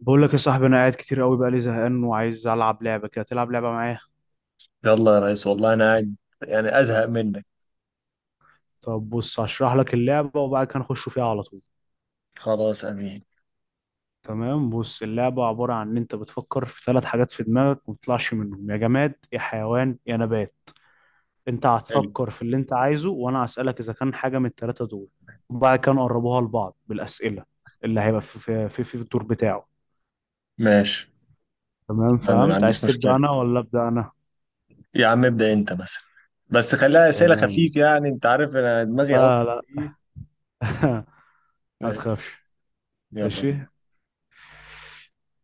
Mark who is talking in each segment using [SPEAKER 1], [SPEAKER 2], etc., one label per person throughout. [SPEAKER 1] بقول لك يا صاحبي انا قاعد كتير قوي بقى لي زهقان وعايز العب لعبه كده تلعب لعبه معايا.
[SPEAKER 2] يلا يا ريس، والله انا قاعد يعني ازهق منك.
[SPEAKER 1] طب بص هشرح لك اللعبه وبعد كده نخش فيها على طول.
[SPEAKER 2] خلاص، امين.
[SPEAKER 1] تمام بص اللعبه عباره عن ان انت بتفكر في ثلاث حاجات في دماغك وما بتطلعش منهم يا جماد يا حيوان يا نبات. انت
[SPEAKER 2] حلو.
[SPEAKER 1] هتفكر في اللي انت عايزه وانا هسالك اذا كان حاجه من الثلاثه دول. وبعد كده نقربوها لبعض بالاسئله اللي هيبقى في الدور بتاعه.
[SPEAKER 2] ماشي،
[SPEAKER 1] تمام
[SPEAKER 2] ما
[SPEAKER 1] فهمت،
[SPEAKER 2] عنديش
[SPEAKER 1] عايز تبدا
[SPEAKER 2] مشكله.
[SPEAKER 1] انا ولا ابدا انا.
[SPEAKER 2] يا عم ابدا انت مثلا. بس خليها اسئله
[SPEAKER 1] تمام.
[SPEAKER 2] خفيف، يعني انت عارف انا دماغي
[SPEAKER 1] لا
[SPEAKER 2] اصلا
[SPEAKER 1] لا.
[SPEAKER 2] ايه.
[SPEAKER 1] ما
[SPEAKER 2] ماشي.
[SPEAKER 1] تخافش.
[SPEAKER 2] يلا
[SPEAKER 1] ماشي.
[SPEAKER 2] بينا.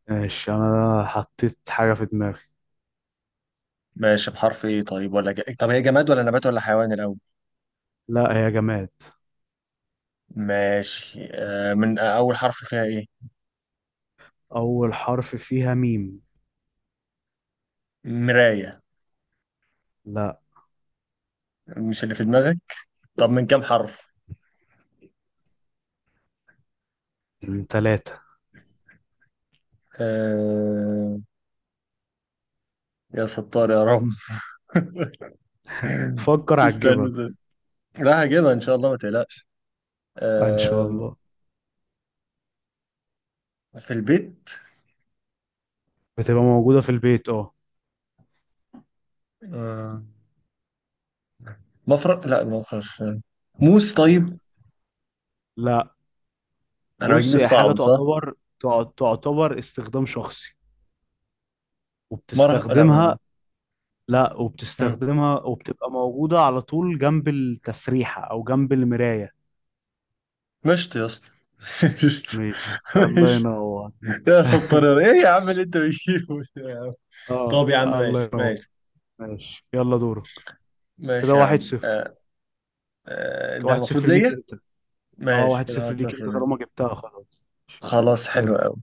[SPEAKER 1] ماشي انا حطيت حاجة في دماغي.
[SPEAKER 2] ماشي، بحرف ايه طيب ولا طب هي جماد ولا نبات ولا حيوان الاول؟
[SPEAKER 1] لا هي جماد.
[SPEAKER 2] ماشي. آه من آه، اول حرف فيها ايه؟
[SPEAKER 1] اول حرف فيها ميم.
[SPEAKER 2] مرايه.
[SPEAKER 1] لا.
[SPEAKER 2] مش اللي في دماغك. طب من كام حرف؟
[SPEAKER 1] من ثلاثة.
[SPEAKER 2] آه... يا ستار يا رب.
[SPEAKER 1] فكر
[SPEAKER 2] استنى
[SPEAKER 1] هتجيبها
[SPEAKER 2] استنى. راح اجيبها ان شاء الله، ما تقلقش.
[SPEAKER 1] ان شاء
[SPEAKER 2] آم،
[SPEAKER 1] الله.
[SPEAKER 2] في البيت.
[SPEAKER 1] بتبقى موجودة في البيت اه.
[SPEAKER 2] آم، مفرق، لا مفرش. موس، طيب.
[SPEAKER 1] لا
[SPEAKER 2] انا بجيب
[SPEAKER 1] بص هي حاجة
[SPEAKER 2] الصعب، صح؟
[SPEAKER 1] تعتبر، تعتبر استخدام شخصي
[SPEAKER 2] مرح، لا
[SPEAKER 1] وبتستخدمها. لا
[SPEAKER 2] مم.
[SPEAKER 1] وبتستخدمها وبتبقى موجودة على طول جنب التسريحة او جنب المراية.
[SPEAKER 2] مشط يا اسطى! مشط.
[SPEAKER 1] ماشي الله
[SPEAKER 2] مشط.
[SPEAKER 1] ينور.
[SPEAKER 2] يا سطر، ايه يا عم اللي انت بتجيبه ده يا عم؟
[SPEAKER 1] اه
[SPEAKER 2] طب يا عم
[SPEAKER 1] الله
[SPEAKER 2] ماشي
[SPEAKER 1] ينور.
[SPEAKER 2] ماشي.
[SPEAKER 1] ماشي يلا دورك. كده
[SPEAKER 2] ماشي يا
[SPEAKER 1] واحد
[SPEAKER 2] عم.
[SPEAKER 1] صفر
[SPEAKER 2] آه، ده
[SPEAKER 1] واحد
[SPEAKER 2] المفروض
[SPEAKER 1] صفر ليك
[SPEAKER 2] ليا.
[SPEAKER 1] انت. اه
[SPEAKER 2] ماشي
[SPEAKER 1] واحد
[SPEAKER 2] كده واحد
[SPEAKER 1] صفر ليك
[SPEAKER 2] صفر
[SPEAKER 1] انت
[SPEAKER 2] ليا.
[SPEAKER 1] طالما جبتها خلاص.
[SPEAKER 2] خلاص حلو
[SPEAKER 1] يلا.
[SPEAKER 2] قوي.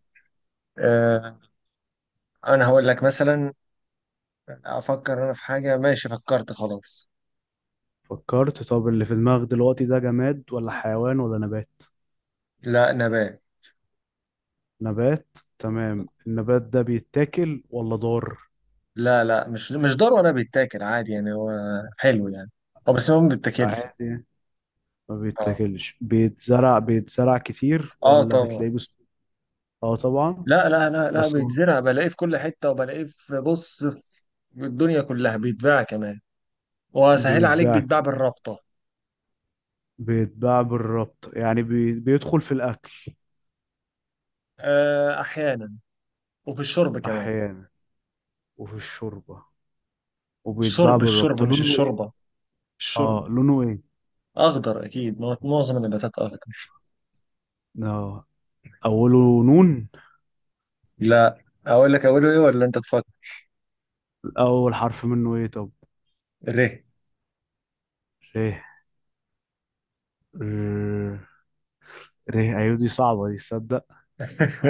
[SPEAKER 2] آه. انا هقول لك مثلا. افكر انا في حاجة، ماشي فكرت خلاص.
[SPEAKER 1] فكرت. طب اللي في دماغك دلوقتي ده جماد ولا حيوان ولا نبات؟
[SPEAKER 2] لا، نبات.
[SPEAKER 1] نبات. تمام، النبات ده بيتاكل ولا ضار؟
[SPEAKER 2] لا لا، مش ضروري انا بيتاكل عادي يعني هو. حلو يعني. هو بس هو ما بيتاكلش.
[SPEAKER 1] عادي ما
[SPEAKER 2] اه.
[SPEAKER 1] بيتاكلش. بيتزرع بيتزرع كتير
[SPEAKER 2] اه،
[SPEAKER 1] ولا
[SPEAKER 2] طبعا.
[SPEAKER 1] بتلاقيه بس؟ اه طبعا.
[SPEAKER 2] لا لا لا لا،
[SPEAKER 1] بس هو
[SPEAKER 2] بيتزرع بلاقيه في كل حته وبلاقيه في، بص، في الدنيا كلها بيتباع كمان. وسهل عليك،
[SPEAKER 1] بيتباع
[SPEAKER 2] بيتباع
[SPEAKER 1] كمان.
[SPEAKER 2] بالرابطه.
[SPEAKER 1] بيتباع بالربط يعني بيدخل في الاكل.
[SPEAKER 2] آه احيانا. وفي الشرب كمان.
[SPEAKER 1] احيانا، وفي الشوربه. وبيتباع
[SPEAKER 2] الشرب الشرب،
[SPEAKER 1] بالربط،
[SPEAKER 2] مش
[SPEAKER 1] لونه ايه؟
[SPEAKER 2] الشوربه.
[SPEAKER 1] اه
[SPEAKER 2] الشرب.
[SPEAKER 1] لونه ايه.
[SPEAKER 2] اخضر اكيد، ما هو معظم النباتات اخضر.
[SPEAKER 1] اه أوله نون.
[SPEAKER 2] لا. اقول لك، اقوله ايه ولا انت تفكر؟
[SPEAKER 1] أول حرف منه إيه طب؟
[SPEAKER 2] ري.
[SPEAKER 1] ريه. ر- ريه أيوة. دي صعبة دي، تصدق.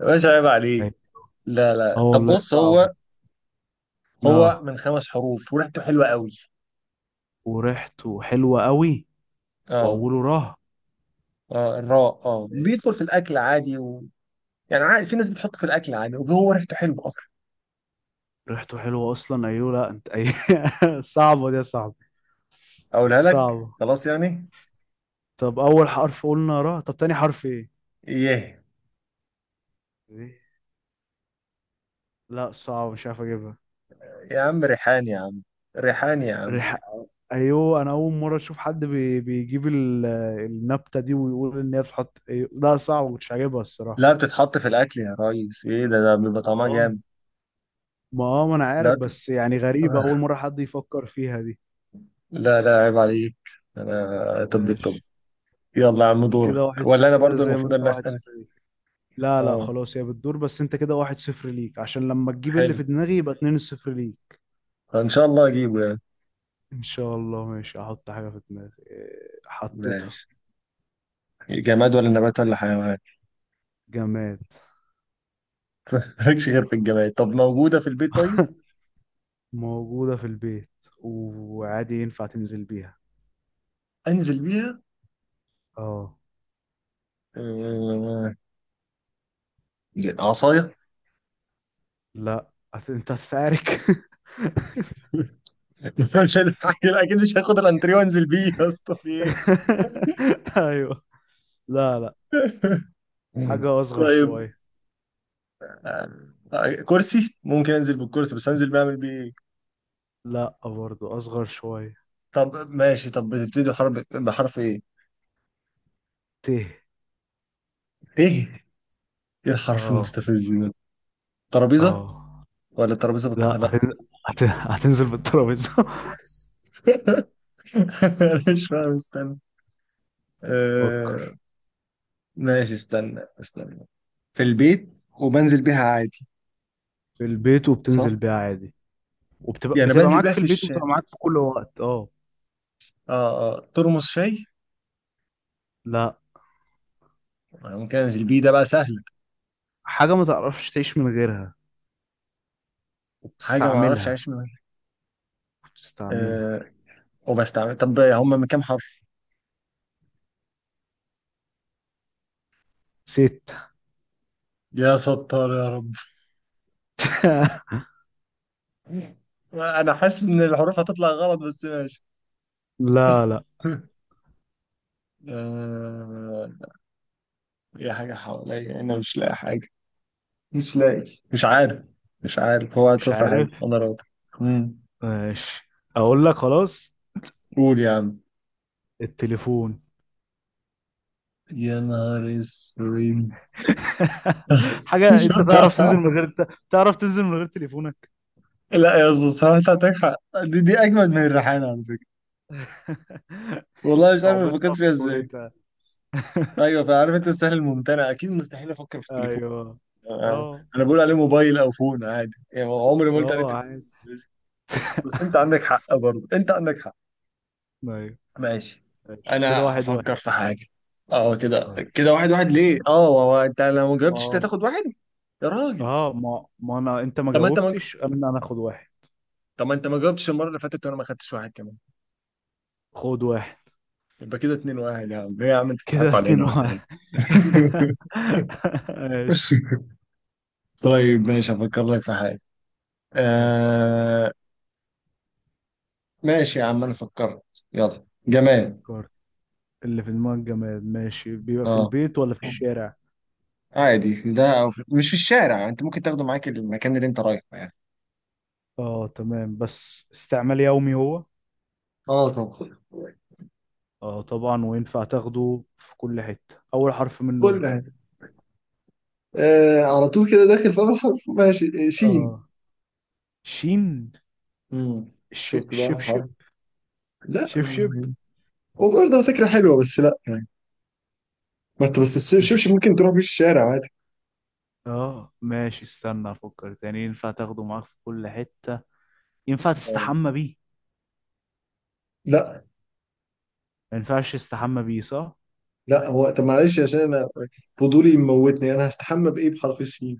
[SPEAKER 2] مش عيب عليك.
[SPEAKER 1] أيوة.
[SPEAKER 2] لا
[SPEAKER 1] اه
[SPEAKER 2] لا، طب
[SPEAKER 1] والله
[SPEAKER 2] بص
[SPEAKER 1] صعب.
[SPEAKER 2] هو. هو
[SPEAKER 1] اه
[SPEAKER 2] من خمس حروف وريحته حلوة قوي.
[SPEAKER 1] وريحته حلوة قوي.
[SPEAKER 2] اه.
[SPEAKER 1] وأوله راه.
[SPEAKER 2] اه، الراء. اه بيدخل في الأكل عادي يعني عادي، في ناس بتحطه في الأكل عادي وهو ريحته حلوة أصلا.
[SPEAKER 1] ريحته حلوة أصلا أيوة. لا أنت أي. صعبة دي يا صاحبي.
[SPEAKER 2] اقولها لك
[SPEAKER 1] صعبة.
[SPEAKER 2] خلاص يعني.
[SPEAKER 1] طب أول حرف قلنا راه، طب تاني حرف إيه؟
[SPEAKER 2] ايه
[SPEAKER 1] ريه. لا صعب مش عارف أجيبها.
[SPEAKER 2] يا عم، ريحان يا عم. ريحان يا عم.
[SPEAKER 1] ريح. أيوة أنا أول مرة أشوف حد بيجيب النبتة دي ويقول إن هي بتحط أيوة. لا صعب مش عاجبها
[SPEAKER 2] لا،
[SPEAKER 1] الصراحة.
[SPEAKER 2] بتتحط في الأكل يا ريس، إيه ده بيبقى
[SPEAKER 1] ما
[SPEAKER 2] طعمها
[SPEAKER 1] اه
[SPEAKER 2] جامد.
[SPEAKER 1] ما اه ما انا
[SPEAKER 2] لا.
[SPEAKER 1] عارف بس يعني غريبة اول مرة حد يفكر فيها دي.
[SPEAKER 2] لا لا، عيب عليك. أنا طب.
[SPEAKER 1] ماشي
[SPEAKER 2] يلا يا عم، دورك
[SPEAKER 1] كده 1.
[SPEAKER 2] ولا أنا
[SPEAKER 1] كده
[SPEAKER 2] برضو
[SPEAKER 1] زي ما
[SPEAKER 2] المفروض إن
[SPEAKER 1] انت
[SPEAKER 2] أنا
[SPEAKER 1] واحد
[SPEAKER 2] أسأل؟
[SPEAKER 1] صفر ليك. لا لا
[SPEAKER 2] أه.
[SPEAKER 1] خلاص هي بتدور، بس انت كده 1-0 ليك عشان لما تجيب اللي
[SPEAKER 2] حلو.
[SPEAKER 1] في دماغي يبقى 2-0 ليك.
[SPEAKER 2] إن شاء الله أجيبه يعني.
[SPEAKER 1] ان شاء الله. ماشي احط حاجة في دماغي إيه، حطيتها.
[SPEAKER 2] ماشي. جماد ولا نبات ولا حيوان؟
[SPEAKER 1] جماد.
[SPEAKER 2] مالكش غير في الجمال، طب موجودة في البيت طيب؟
[SPEAKER 1] موجودة في البيت وعادي ينفع تنزل بيها
[SPEAKER 2] انزل بيها؟
[SPEAKER 1] اه.
[SPEAKER 2] آه. عصاية.
[SPEAKER 1] لا انت هتتعارك.
[SPEAKER 2] مش هلحق- اكيد مش هاخد الانتريه وانزل بيه يا اسطى، في ايه؟
[SPEAKER 1] ايوه. لا لا.
[SPEAKER 2] مم.
[SPEAKER 1] حاجة اصغر
[SPEAKER 2] طيب.
[SPEAKER 1] شوية.
[SPEAKER 2] كرسي ممكن انزل بالكرسي بس انزل بعمل بيه ايه؟
[SPEAKER 1] لا برضو اصغر شوية.
[SPEAKER 2] طب ماشي، طب بتبتدي بحرف ايه؟
[SPEAKER 1] ت.
[SPEAKER 2] ايه؟ ايه الحرف
[SPEAKER 1] اه
[SPEAKER 2] المستفز ده؟ ترابيزة.
[SPEAKER 1] اه.
[SPEAKER 2] ولا ترابيزة بالطه؟
[SPEAKER 1] لا
[SPEAKER 2] لا.
[SPEAKER 1] هتنزل بالترابيزة.
[SPEAKER 2] انا مش فاهم، استنى. آه.
[SPEAKER 1] فكر.
[SPEAKER 2] ماشي استنى استنى. في البيت. وبنزل بيها عادي.
[SPEAKER 1] في البيت
[SPEAKER 2] صح؟
[SPEAKER 1] وبتنزل بيها عادي.
[SPEAKER 2] يعني
[SPEAKER 1] بتبقى
[SPEAKER 2] بنزل
[SPEAKER 1] معاك
[SPEAKER 2] بيها
[SPEAKER 1] في
[SPEAKER 2] في
[SPEAKER 1] البيت وبتبقى معاك في كل وقت اه.
[SPEAKER 2] اه ترمس شاي.
[SPEAKER 1] لا
[SPEAKER 2] أنا ممكن انزل بيه، ده بقى سهل.
[SPEAKER 1] حاجة ما تعرفش تعيش من غيرها
[SPEAKER 2] حاجه ما اعرفش
[SPEAKER 1] وبتستعملها.
[SPEAKER 2] اعيش منها.
[SPEAKER 1] بتستعملها.
[SPEAKER 2] آه. طب، هم من كام حرف؟
[SPEAKER 1] ست.
[SPEAKER 2] يا ستار يا رب. انا حاسس ان الحروف هتطلع غلط، بس ماشي.
[SPEAKER 1] لا لا
[SPEAKER 2] آه. يا حاجه حواليا انا مش لاقي حاجه. مش لاقي، مش عارف. مش عارف، هو واحد
[SPEAKER 1] مش
[SPEAKER 2] صفر حلو
[SPEAKER 1] عارف.
[SPEAKER 2] انا راضي. مم.
[SPEAKER 1] ماشي اقول لك خلاص.
[SPEAKER 2] قول يا عم.
[SPEAKER 1] التليفون.
[SPEAKER 2] يا نهار اسود!
[SPEAKER 1] حاجة انت تعرف تنزل من غير. تعرف تنزل من غير تليفونك.
[SPEAKER 2] لا يا اسطى، الصراحه انت عندك حق. دي اجمد من الريحانه على فكره. والله مش عارف ما
[SPEAKER 1] صعوبتها
[SPEAKER 2] فكرتش
[SPEAKER 1] في
[SPEAKER 2] فيها ازاي.
[SPEAKER 1] سهولتها.
[SPEAKER 2] ايوه، فعارف انت السهل الممتنع، اكيد مستحيل افكر في التليفون.
[SPEAKER 1] ايوه.
[SPEAKER 2] انا
[SPEAKER 1] اه
[SPEAKER 2] أنا بقول عليه موبايل او فون عادي، يعني عمري ما قلت عليه
[SPEAKER 1] اه
[SPEAKER 2] تليفون.
[SPEAKER 1] عادي.
[SPEAKER 2] بس انت عندك حق برضه، انت عندك حق.
[SPEAKER 1] ايوه.
[SPEAKER 2] ماشي.
[SPEAKER 1] ماشي كده
[SPEAKER 2] انا
[SPEAKER 1] 1-1.
[SPEAKER 2] هفكر في حاجه. اه كده
[SPEAKER 1] ماشي.
[SPEAKER 2] كده 1-1، ليه؟ اه هو انت لو ما
[SPEAKER 1] ما
[SPEAKER 2] جاوبتش انت
[SPEAKER 1] هو-
[SPEAKER 2] هتاخد واحد؟ يا راجل!
[SPEAKER 1] اه ما انا، انت ما
[SPEAKER 2] طب ما انت ما
[SPEAKER 1] جاوبتش، انا اخد واحد.
[SPEAKER 2] طب ما انت ما جاوبتش المره اللي فاتت، وانا ما خدتش واحد كمان.
[SPEAKER 1] خد واحد.
[SPEAKER 2] يبقى كده 2-1، يا عم ليه يا عم، انت
[SPEAKER 1] كده
[SPEAKER 2] بتضحكوا
[SPEAKER 1] اتنين
[SPEAKER 2] علينا ولا
[SPEAKER 1] واحد
[SPEAKER 2] ايه؟
[SPEAKER 1] ماشي.
[SPEAKER 2] طيب ماشي، هفكر لك في حاجة.
[SPEAKER 1] فكر.
[SPEAKER 2] آه. ماشي يا عم، أنا فكرت. يلا جماد.
[SPEAKER 1] فكر. اللي في دماغك جماد ماشي، بيبقى في
[SPEAKER 2] اه،
[SPEAKER 1] البيت ولا في الشارع؟
[SPEAKER 2] عادي في ده أو مش في الشارع، أنت ممكن تاخده معاك المكان اللي أنت رايحه يعني.
[SPEAKER 1] اه تمام بس استعمال يومي هو.
[SPEAKER 2] اه طبعا.
[SPEAKER 1] اه طبعا، وينفع تاخده في كل حتة. اول حرف منه
[SPEAKER 2] كل
[SPEAKER 1] ايه؟
[SPEAKER 2] حاجة. على طول كده داخل في أول حرف، ماشي. شين.
[SPEAKER 1] اه شين.
[SPEAKER 2] مم. شفت بقى
[SPEAKER 1] شبشب.
[SPEAKER 2] حرف. لا.
[SPEAKER 1] شبشب.
[SPEAKER 2] يعني. وبرضه فكرة حلوة، بس لا يعني. ما انت بس
[SPEAKER 1] مش
[SPEAKER 2] الشبشب
[SPEAKER 1] الش-
[SPEAKER 2] ممكن تروح بيه الشارع عادي.
[SPEAKER 1] اه ماشي استنى افكر تاني. ينفع تاخده معاك في كل حتة. ينفع
[SPEAKER 2] آه.
[SPEAKER 1] تستحمى بيه.
[SPEAKER 2] لا.
[SPEAKER 1] ما ينفعش تستحمى بيه صح.
[SPEAKER 2] لا هو طب معلش عشان انا. فضولي موتني، انا هستحمى بايه بحرف الشين؟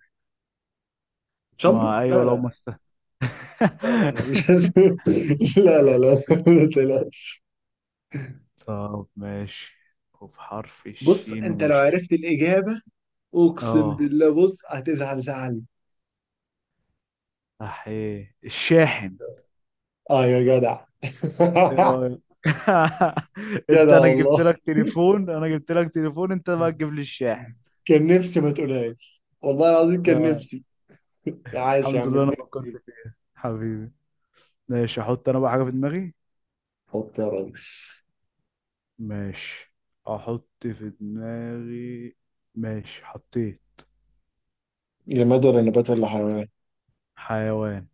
[SPEAKER 2] شامبو؟
[SPEAKER 1] ما
[SPEAKER 2] لا
[SPEAKER 1] ايوه لو ما
[SPEAKER 2] لا.
[SPEAKER 1] است
[SPEAKER 2] لا لا لا، مش هسوي. لا لا لا. ما تقلقش.
[SPEAKER 1] طب ماشي. وبحرف
[SPEAKER 2] بص،
[SPEAKER 1] الشين
[SPEAKER 2] انت لو
[SPEAKER 1] وش.
[SPEAKER 2] عرفت الاجابه، اقسم
[SPEAKER 1] اه
[SPEAKER 2] بالله، بص هتزعل زعل.
[SPEAKER 1] احيه الشاحن.
[SPEAKER 2] اه يا جدع.
[SPEAKER 1] ايه رأيك؟ انت
[SPEAKER 2] جدع
[SPEAKER 1] انا
[SPEAKER 2] والله.
[SPEAKER 1] جبت لك تليفون، انا جبت لك تليفون، انت بقى تجيب لي الشاحن.
[SPEAKER 2] كان نفسي ما تقولهاش والله العظيم، كان
[SPEAKER 1] آه،
[SPEAKER 2] نفسي. عايش يا
[SPEAKER 1] الحمد
[SPEAKER 2] عم،
[SPEAKER 1] لله انا
[SPEAKER 2] اتنين.
[SPEAKER 1] فكرت
[SPEAKER 2] اتنين.
[SPEAKER 1] فيك حبيبي. ماشي احط انا بقى حاجة في دماغي.
[SPEAKER 2] حط يا ريس.
[SPEAKER 1] ماشي احط في دماغي. ماشي حطيت.
[SPEAKER 2] جماد ولا نبات ولا حيوان؟
[SPEAKER 1] حيوان.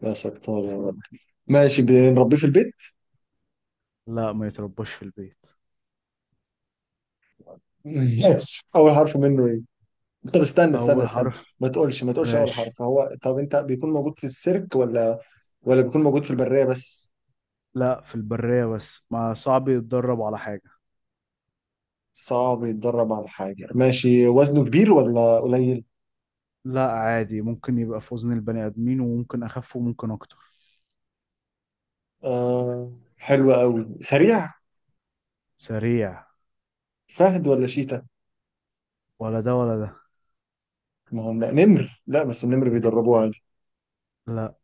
[SPEAKER 2] لا، سكتار يا رب. ماشي، بنربيه في البيت؟
[SPEAKER 1] لا ما يترباش في البيت.
[SPEAKER 2] ماشي، اول حرف منه إيه؟ طب، استنى استنى
[SPEAKER 1] اول
[SPEAKER 2] استنى.
[SPEAKER 1] حرف
[SPEAKER 2] ما تقولش ما تقولش اول
[SPEAKER 1] ماشي.
[SPEAKER 2] حرف. هو طب انت، بيكون موجود في السيرك ولا بيكون موجود في البرية بس؟
[SPEAKER 1] لا في البرية بس، ما صعب يتدرب على حاجة.
[SPEAKER 2] صعب يتدرب على حاجة. ماشي، وزنه كبير ولا قليل؟
[SPEAKER 1] لا عادي ممكن يبقى في وزن البني ادمين وممكن اخف وممكن اكتر.
[SPEAKER 2] آه. حلو قوي. سريع؟
[SPEAKER 1] سريع.
[SPEAKER 2] فهد ولا شيتا؟
[SPEAKER 1] ولا ده ولا ده.
[SPEAKER 2] ما هو لا، نمر، لا بس النمر بيدربوه عادي.
[SPEAKER 1] لا.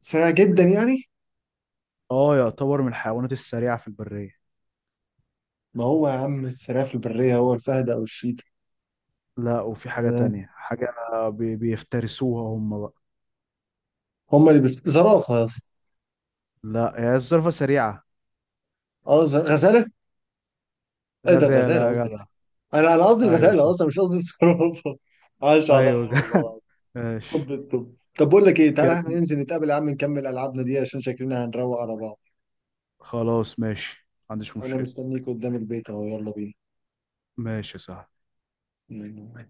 [SPEAKER 2] سريع جدا يعني؟
[SPEAKER 1] اه يعتبر من الحيوانات السريعة في البرية.
[SPEAKER 2] ما هو يا عم، السريع في البرية هو الفهد او الشيتا.
[SPEAKER 1] لا وفي حاجة
[SPEAKER 2] آه.
[SPEAKER 1] تانية، حاجة بيفترسوها هم بقى.
[SPEAKER 2] هما اللي زرافة يا اسطى.
[SPEAKER 1] لا هي الزرافة سريعة.
[SPEAKER 2] اه، غزالة. ايه ده،
[SPEAKER 1] غزالة
[SPEAKER 2] الغزاله
[SPEAKER 1] يا
[SPEAKER 2] قصدي.
[SPEAKER 1] جدع.
[SPEAKER 2] انا قصدي
[SPEAKER 1] ايوه
[SPEAKER 2] الغزاله
[SPEAKER 1] صح.
[SPEAKER 2] اصلا، مش قصدي الصرافه. عاش
[SPEAKER 1] ايوه
[SPEAKER 2] عليا والله العظيم.
[SPEAKER 1] ماشي.
[SPEAKER 2] طب بقول لك ايه، تعالى
[SPEAKER 1] كات.
[SPEAKER 2] احنا ننزل نتقابل يا عم، نكمل العابنا دي عشان شكلنا هنروق على بعض.
[SPEAKER 1] خلاص ماشي ما عنديش
[SPEAKER 2] انا
[SPEAKER 1] مشكلة.
[SPEAKER 2] مستنيك قدام البيت اهو، يلا.
[SPEAKER 1] ماشي صح.
[SPEAKER 2] بينا.